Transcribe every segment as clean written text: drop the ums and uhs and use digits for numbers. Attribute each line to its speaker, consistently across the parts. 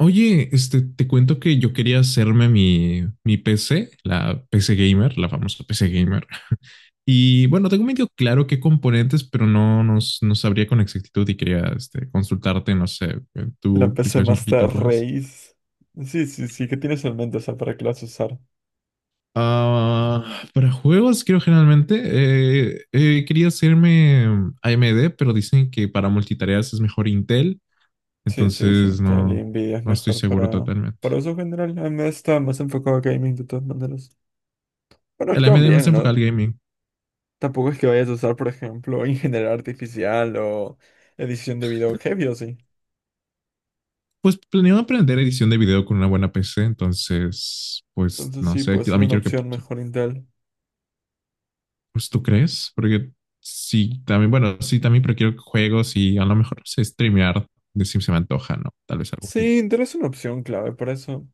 Speaker 1: Oye, este, te cuento que yo quería hacerme mi PC, la PC Gamer, la famosa PC Gamer. Y bueno, tengo medio claro qué componentes, pero no sabría con exactitud y quería este, consultarte, no sé,
Speaker 2: La
Speaker 1: tú que
Speaker 2: PC
Speaker 1: sabes un poquito
Speaker 2: Master
Speaker 1: más.
Speaker 2: Race. Sí, sí, sí, ¿qué tienes en mente? O sea, ¿para qué la vas a usar?
Speaker 1: Ah, para juegos, creo generalmente, quería hacerme AMD, pero dicen que para multitareas es mejor Intel,
Speaker 2: Sí, sí, sí,
Speaker 1: entonces
Speaker 2: Intel
Speaker 1: no,
Speaker 2: y Nvidia es
Speaker 1: no estoy
Speaker 2: mejor
Speaker 1: seguro
Speaker 2: para,
Speaker 1: totalmente.
Speaker 2: para uso general. A mí está más enfocado a gaming de todas maneras. Bueno,
Speaker 1: El
Speaker 2: actúan
Speaker 1: AMD más
Speaker 2: bien,
Speaker 1: enfocado
Speaker 2: ¿no?
Speaker 1: al gaming.
Speaker 2: Tampoco es que vayas a usar, por ejemplo, ingeniería artificial o edición de video heavy o sí.
Speaker 1: Pues planeo aprender edición de video con una buena PC, entonces, pues
Speaker 2: Entonces
Speaker 1: no
Speaker 2: sí,
Speaker 1: sé,
Speaker 2: puede
Speaker 1: a
Speaker 2: ser
Speaker 1: mí
Speaker 2: una
Speaker 1: quiero que,
Speaker 2: opción mejor Intel.
Speaker 1: pues tú crees, porque sí, también, bueno, sí, también pero quiero juegos y a lo mejor no sé streamear, de si se me antoja, ¿no? Tal vez algún día.
Speaker 2: Sí, Intel es una opción clave para eso.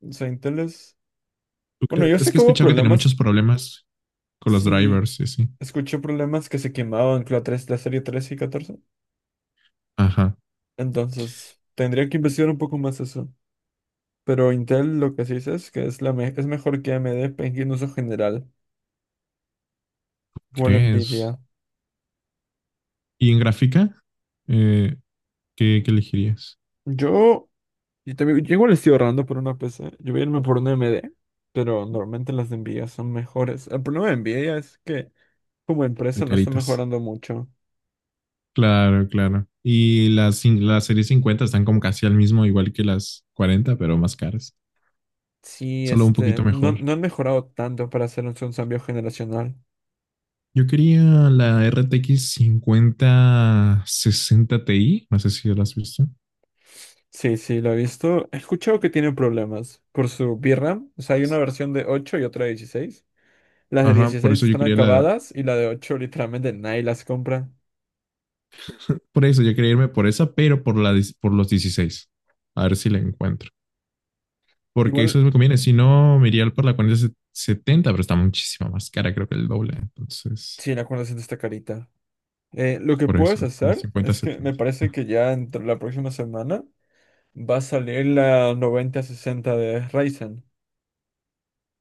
Speaker 2: O sea, Intel es...
Speaker 1: ¿Tú
Speaker 2: Bueno,
Speaker 1: crees?
Speaker 2: yo
Speaker 1: Es
Speaker 2: sé
Speaker 1: que
Speaker 2: que
Speaker 1: he
Speaker 2: hubo
Speaker 1: escuchado que tiene
Speaker 2: problemas.
Speaker 1: muchos problemas con los
Speaker 2: Sí,
Speaker 1: drivers y así.
Speaker 2: escuché problemas que se quemaban con la serie 13 y 14.
Speaker 1: Ajá,
Speaker 2: Entonces, tendría que investigar un poco más eso. Pero Intel lo que sí dice es que es, es mejor que AMD en uso general, igual Nvidia.
Speaker 1: ¿crees? ¿Y en gráfica? Eh, ¿qué elegirías?
Speaker 2: Yo, y también, yo igual estoy ahorrando por una PC. Yo voy a irme por una AMD, pero normalmente las de Nvidia son mejores. El problema de Nvidia es que como
Speaker 1: En
Speaker 2: empresa no está
Speaker 1: caritas.
Speaker 2: mejorando mucho.
Speaker 1: Claro, claro. Y las series 50 están como casi al mismo, igual que las 40, pero más caras.
Speaker 2: Sí,
Speaker 1: Solo un poquito
Speaker 2: no,
Speaker 1: mejor.
Speaker 2: no han mejorado tanto para hacer un cambio generacional.
Speaker 1: Yo quería la RTX 60 Ti. No sé si la has visto.
Speaker 2: Sí, sí, lo he visto. He escuchado que tiene problemas por su VRAM. O sea, hay una versión de 8 y otra de 16. Las de
Speaker 1: Ajá, por
Speaker 2: 16
Speaker 1: eso yo
Speaker 2: están
Speaker 1: quería la.
Speaker 2: acabadas y la de 8 literalmente nadie las compra.
Speaker 1: Por eso yo quería irme por esa, pero por los 16. A ver si la encuentro. Porque eso
Speaker 2: Igual,
Speaker 1: me conviene. Si no, me iría por la 4070, pero está muchísimo más cara, creo que el doble. Entonces,
Speaker 2: sí, la acuerdo siento está carita. Lo que
Speaker 1: por eso,
Speaker 2: puedes
Speaker 1: la
Speaker 2: hacer
Speaker 1: cincuenta
Speaker 2: es que me
Speaker 1: setenta,
Speaker 2: parece que ya entre la próxima semana va a salir la 9060 de Ryzen.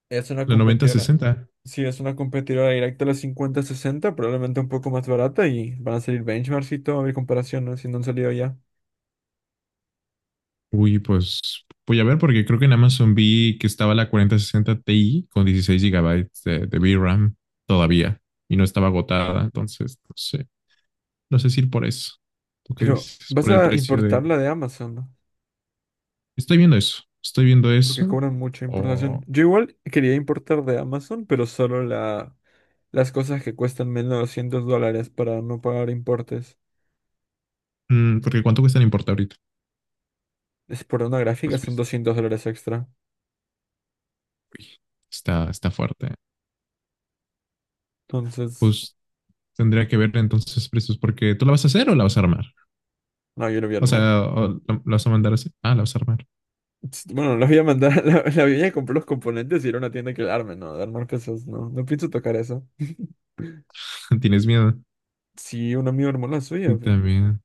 Speaker 2: Es una
Speaker 1: La noventa
Speaker 2: competidora.
Speaker 1: sesenta.
Speaker 2: Sí, es una competidora directa a la 5060, probablemente un poco más barata y van a salir benchmarks y todo, a ver comparaciones si no han salido ya.
Speaker 1: Uy, pues voy a ver porque creo que en Amazon vi que estaba la 4060 Ti con 16 GB de VRAM todavía y no estaba agotada, entonces no sé si ir por eso. ¿Tú qué
Speaker 2: Pero,
Speaker 1: dices?
Speaker 2: ¿vas
Speaker 1: Por el
Speaker 2: a
Speaker 1: precio de.
Speaker 2: importar la de Amazon?
Speaker 1: Estoy viendo
Speaker 2: Porque
Speaker 1: eso
Speaker 2: cobran mucha importación.
Speaker 1: o...
Speaker 2: Yo igual quería importar de Amazon, pero solo las cosas que cuestan menos de $200 para no pagar importes.
Speaker 1: porque ¿cuánto cuesta en importa ahorita?
Speaker 2: Es por una
Speaker 1: ¿Lo
Speaker 2: gráfica,
Speaker 1: has
Speaker 2: son
Speaker 1: visto?
Speaker 2: $200 extra.
Speaker 1: Uy, está fuerte.
Speaker 2: Entonces,
Speaker 1: Pues tendría que ver entonces precios porque ¿tú la vas a hacer o la vas a armar?
Speaker 2: no, yo lo voy a
Speaker 1: O
Speaker 2: armar.
Speaker 1: sea, ¿o la vas a mandar así? Ah, la vas a armar.
Speaker 2: Bueno, las voy a mandar, la voy a comprar los componentes y ir a una tienda que la arme, no, de armar cosas, no pienso tocar eso.
Speaker 1: ¿Tienes miedo?
Speaker 2: Sí, un amigo armó la suya,
Speaker 1: Yo
Speaker 2: pero...
Speaker 1: también.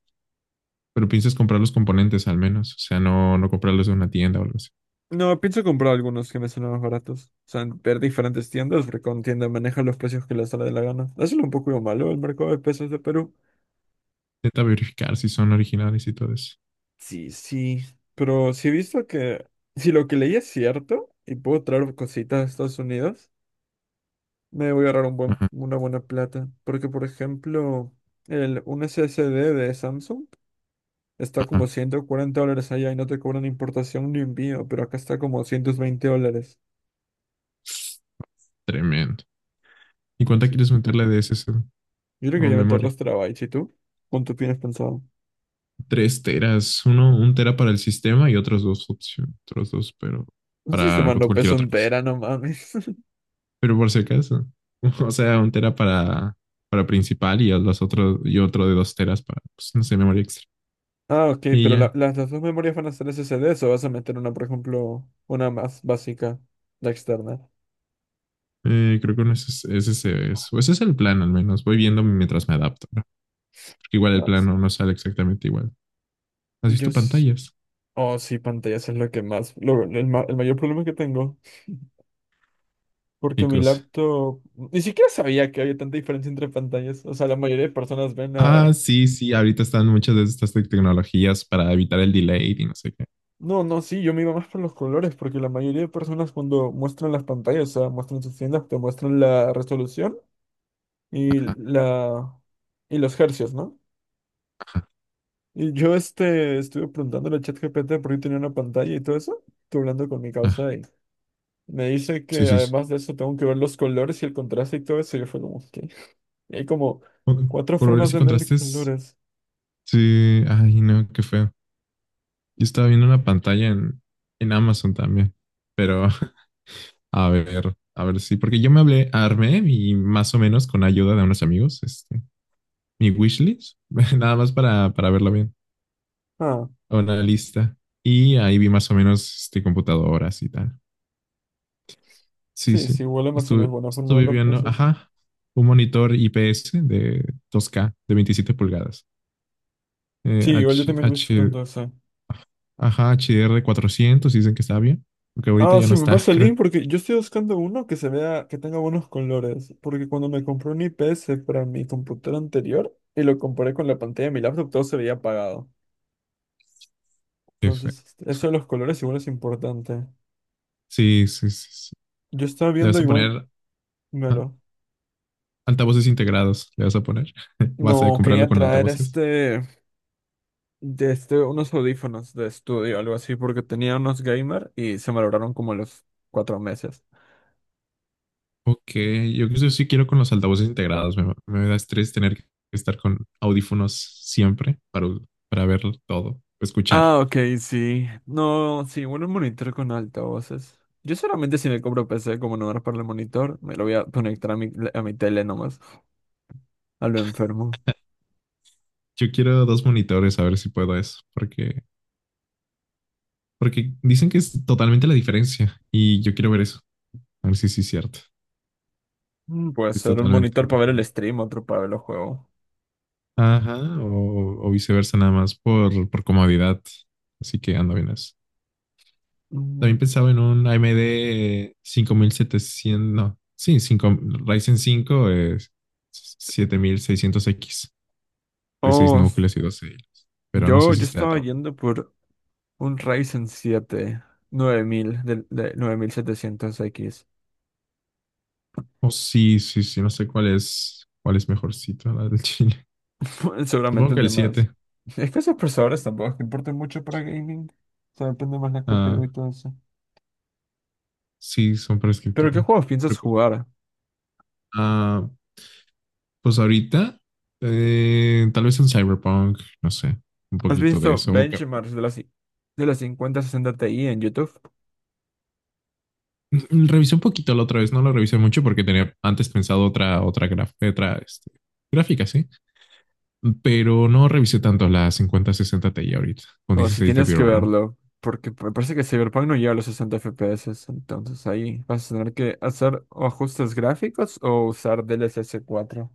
Speaker 1: Pero piensas comprar los componentes al menos, o sea, no comprarlos de una tienda o algo así.
Speaker 2: No, pienso comprar algunos que me salen más baratos. O sea, ver diferentes tiendas, porque con tienda maneja los precios que les sale de la gana. Eso es un poco lo malo el mercado de pesos de Perú.
Speaker 1: Intenta verificar si son originales y todo eso.
Speaker 2: Sí, sí, pero si he visto que si lo que leí es cierto y puedo traer cositas a Estados Unidos, me voy a ahorrar
Speaker 1: Ajá,
Speaker 2: una buena plata. Porque, por ejemplo, un SSD de Samsung está
Speaker 1: ajá.
Speaker 2: como $140 allá y no te cobran importación ni envío, pero acá está como $120.
Speaker 1: Tremendo. ¿Y cuánta quieres
Speaker 2: Entonces,
Speaker 1: meterle de S SSD
Speaker 2: yo le
Speaker 1: o
Speaker 2: quería meter
Speaker 1: memoria?
Speaker 2: 2 TB. ¿Y tú? ¿Cuánto tienes pensado?
Speaker 1: 3 teras, un tera para el sistema y otros 2 opciones, otros dos, pero
Speaker 2: Un
Speaker 1: para
Speaker 2: sistema no
Speaker 1: cualquier
Speaker 2: pesa
Speaker 1: otra
Speaker 2: un
Speaker 1: cosa.
Speaker 2: tera, no mames.
Speaker 1: Pero por si acaso, o sea, 1 tera para principal y los otros, y otro de 2 teras para, pues, no sé, memoria extra.
Speaker 2: Ah, ok,
Speaker 1: Y
Speaker 2: pero
Speaker 1: ya,
Speaker 2: las dos memorias van a ser SSDs o vas a meter una, por ejemplo, una más básica, la externa.
Speaker 1: Creo que no, ese es, eso. Ese es el plan al menos. Voy viendo mientras me adapto, ¿no? Igual el
Speaker 2: Ah,
Speaker 1: plano no sale exactamente igual. ¿Has
Speaker 2: yo
Speaker 1: visto
Speaker 2: sí.
Speaker 1: pantallas?
Speaker 2: Oh, sí, pantallas es lo que más, el mayor problema que tengo.
Speaker 1: Y
Speaker 2: Porque mi
Speaker 1: cosas.
Speaker 2: laptop. Ni siquiera sabía que había tanta diferencia entre pantallas. O sea, la mayoría de personas ven
Speaker 1: Ah,
Speaker 2: a.
Speaker 1: sí, sí, ahorita están muchas de estas tecnologías para evitar el delay y no sé qué.
Speaker 2: No, no, sí, yo me iba más por los colores. Porque la mayoría de personas, cuando muestran las pantallas, o sea, muestran sus tiendas, te muestran la resolución y la. Y los hercios, ¿no?
Speaker 1: Ajá.
Speaker 2: Y yo estuve preguntándole a ChatGPT por qué tenía una pantalla y todo eso. Estuve hablando con mi
Speaker 1: Ah,
Speaker 2: causa y me dice
Speaker 1: sí,
Speaker 2: que
Speaker 1: sí, sí.
Speaker 2: además de eso tengo que ver los colores y el contraste y todo eso. Y yo fue como, ok. Y hay como
Speaker 1: Co-
Speaker 2: cuatro formas
Speaker 1: Colores y
Speaker 2: de medir
Speaker 1: contrastes.
Speaker 2: colores.
Speaker 1: Sí, ay, no, qué feo. Yo estaba viendo una pantalla en Amazon también, pero a ver sí, porque yo me hablé, armé y más o menos con ayuda de unos amigos, este, mi wishlist, nada más para verlo bien.
Speaker 2: Ah,
Speaker 1: A una lista. Y ahí vi más o menos este, computadoras y tal. Sí,
Speaker 2: sí,
Speaker 1: sí.
Speaker 2: sí, igual Amazon es
Speaker 1: Estuve,
Speaker 2: buena forma de
Speaker 1: estuve
Speaker 2: ver los
Speaker 1: viendo,
Speaker 2: peces.
Speaker 1: ajá, un monitor IPS de 2K de 27 pulgadas. Eh,
Speaker 2: Sí, igual yo
Speaker 1: H,
Speaker 2: también voy
Speaker 1: H,
Speaker 2: buscando esa.
Speaker 1: ajá, HDR 400, dicen que está bien. Porque ahorita
Speaker 2: Ah,
Speaker 1: ya no
Speaker 2: sí, me
Speaker 1: está,
Speaker 2: pasa el
Speaker 1: creo
Speaker 2: link porque yo estoy buscando uno que se vea, que tenga buenos colores. Porque cuando me compré un IPS para mi computadora anterior y lo comparé con la pantalla de mi laptop, todo se veía apagado.
Speaker 1: que fue.
Speaker 2: Entonces, eso de los colores igual es importante.
Speaker 1: Sí, sí, sí, sí.
Speaker 2: Yo estaba
Speaker 1: Le
Speaker 2: viendo
Speaker 1: vas a
Speaker 2: igual,
Speaker 1: poner ah,
Speaker 2: melo.
Speaker 1: altavoces integrados, le vas a poner. Vas a
Speaker 2: No,
Speaker 1: comprarlo
Speaker 2: quería
Speaker 1: con
Speaker 2: traer
Speaker 1: altavoces.
Speaker 2: unos audífonos de estudio, algo así, porque tenía unos gamer y se malograron como a los 4 meses.
Speaker 1: Ok, yo creo que sí quiero con los altavoces integrados. Me da estrés tener que estar con audífonos siempre para ver todo, escuchar.
Speaker 2: Ah, ok, sí. No, sí, bueno, un monitor con altavoces. Yo solamente si me compro PC como no era para el monitor, me lo voy a conectar a mi tele nomás, a lo enfermo.
Speaker 1: Yo quiero 2 monitores a ver si puedo eso, porque dicen que es totalmente la diferencia y yo quiero ver eso, a ver si sí es cierto.
Speaker 2: Puede
Speaker 1: Es
Speaker 2: ser un
Speaker 1: totalmente
Speaker 2: monitor para ver el
Speaker 1: diferente.
Speaker 2: stream, otro para ver los juegos.
Speaker 1: Ajá, o viceversa nada más por comodidad. Así que ando bien. También
Speaker 2: Mm,
Speaker 1: pensaba en un AMD 700 no, sí, 5, Ryzen 5 es 7600X de 6
Speaker 2: oh.
Speaker 1: núcleos y 12 hilos, pero no
Speaker 2: Yo,
Speaker 1: sé si
Speaker 2: yo
Speaker 1: está
Speaker 2: estaba
Speaker 1: tan bueno.
Speaker 2: yendo por un Ryzen 7 9000 de, 9700X.
Speaker 1: O sí, sí, sí, no sé cuál es mejorcito, la del Chile.
Speaker 2: Seguramente
Speaker 1: Supongo que
Speaker 2: el de
Speaker 1: el
Speaker 2: más.
Speaker 1: siete.
Speaker 2: Es que esos procesadores tampoco es que importan mucho para gaming. O sea, depende más la
Speaker 1: Ah,
Speaker 2: CPU y todo eso.
Speaker 1: sí, son para
Speaker 2: Pero ¿qué
Speaker 1: escritorio.
Speaker 2: juegos piensas
Speaker 1: Recu-
Speaker 2: jugar?
Speaker 1: Ah, pues ahorita, tal vez un Cyberpunk, no sé, un
Speaker 2: ¿Has
Speaker 1: poquito de
Speaker 2: visto
Speaker 1: eso. Ok.
Speaker 2: benchmarks de las 5060 Ti en YouTube?
Speaker 1: Revisé un poquito la otra vez, no lo revisé mucho porque tenía antes pensado otra este, gráfica, sí, pero no revisé tanto la 5060 Ti ahorita con
Speaker 2: O si
Speaker 1: 16 de
Speaker 2: tienes que
Speaker 1: VRAM
Speaker 2: verlo, porque me parece que Cyberpunk no llega a los 60 FPS, entonces ahí vas a tener que hacer o ajustes gráficos o usar DLSS 4.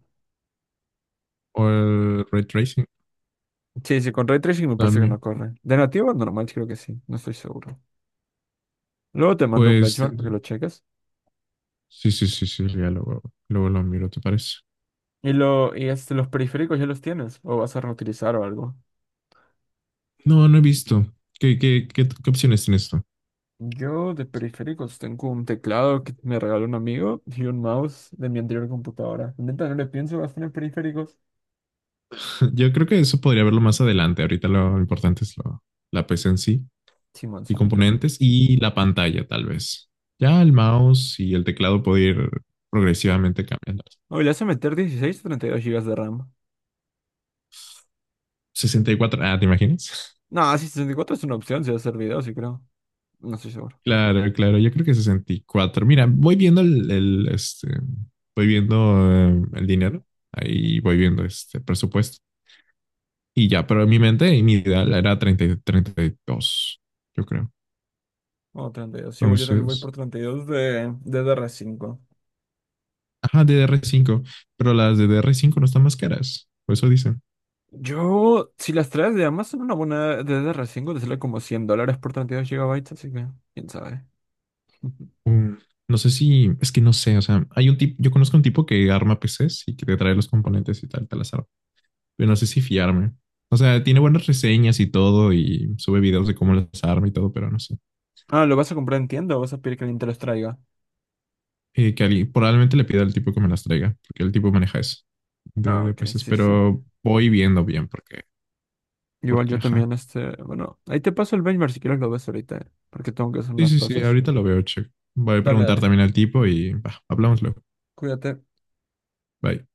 Speaker 1: o el ray tracing
Speaker 2: Sí, sí, con Ray Tracing me parece que no
Speaker 1: también.
Speaker 2: corre. De nativo bueno, normal creo que sí, no estoy seguro. Luego te mando un
Speaker 1: Pues
Speaker 2: benchmark para que
Speaker 1: tendré-
Speaker 2: lo cheques.
Speaker 1: sí, sí, sí, sí, ya luego lo miro, ¿te parece?
Speaker 2: Y los periféricos ya los tienes, o vas a reutilizar o algo.
Speaker 1: No, no he visto. ¿Qué opciones tienes tú?
Speaker 2: Yo de periféricos tengo un teclado que me regaló un amigo y un mouse de mi anterior computadora. Neta, no le pienso gastar en periféricos.
Speaker 1: Yo creo que eso podría verlo más adelante. Ahorita lo importante es la PC en sí.
Speaker 2: Simón,
Speaker 1: Y
Speaker 2: Simón.
Speaker 1: componentes y la pantalla, tal vez. Ya el mouse y el teclado puede ir progresivamente cambiando.
Speaker 2: Oh, le hace meter 16 o 32 gigas de RAM.
Speaker 1: Sesenta y cuatro, ¿te imaginas?
Speaker 2: No, sí, 64 es una opción si vas a hacer videos, sí creo. No estoy seguro.
Speaker 1: Claro, claro, yo creo que 64. Mira, voy viendo voy viendo el dinero, ahí voy viendo este presupuesto y ya, pero en mi mente y mi ideal era 30, 30 y 32, yo creo.
Speaker 2: Oh, 32. Sí, bueno, yo también voy
Speaker 1: Entonces,
Speaker 2: por 32 de, dr cinco.
Speaker 1: ajá, DDR5, pero las de DDR5 no están más caras, por eso dicen.
Speaker 2: Yo, si las traes de Amazon, una buena DDR5 te sale como $100 por 32 GB, así que, quién sabe.
Speaker 1: Mm, No sé si, es que no sé, o sea, hay un tipo, yo conozco un tipo que arma PCs y que te trae los componentes y tal, te las arma. Pero no sé si fiarme. O sea, tiene buenas reseñas y todo y sube videos de cómo las arma y todo, pero no sé.
Speaker 2: Ah, ¿lo vas a comprar en tienda o vas a pedir que alguien te los traiga?
Speaker 1: Probablemente le pida al tipo que me las traiga, porque el tipo maneja eso de,
Speaker 2: Ah,
Speaker 1: de
Speaker 2: ok,
Speaker 1: PCs,
Speaker 2: sí, sí.
Speaker 1: pero voy viendo bien porque,
Speaker 2: Igual
Speaker 1: porque,
Speaker 2: yo también,
Speaker 1: Ajá.
Speaker 2: bueno, ahí te paso el benchmark si quieres lo ves ahorita, porque tengo que hacer
Speaker 1: Sí,
Speaker 2: unas
Speaker 1: sí, sí,
Speaker 2: cosas.
Speaker 1: ahorita lo veo, check. Voy a
Speaker 2: Dale,
Speaker 1: preguntar
Speaker 2: dale,
Speaker 1: también al tipo y bah, hablamos luego.
Speaker 2: cuídate.
Speaker 1: Bye.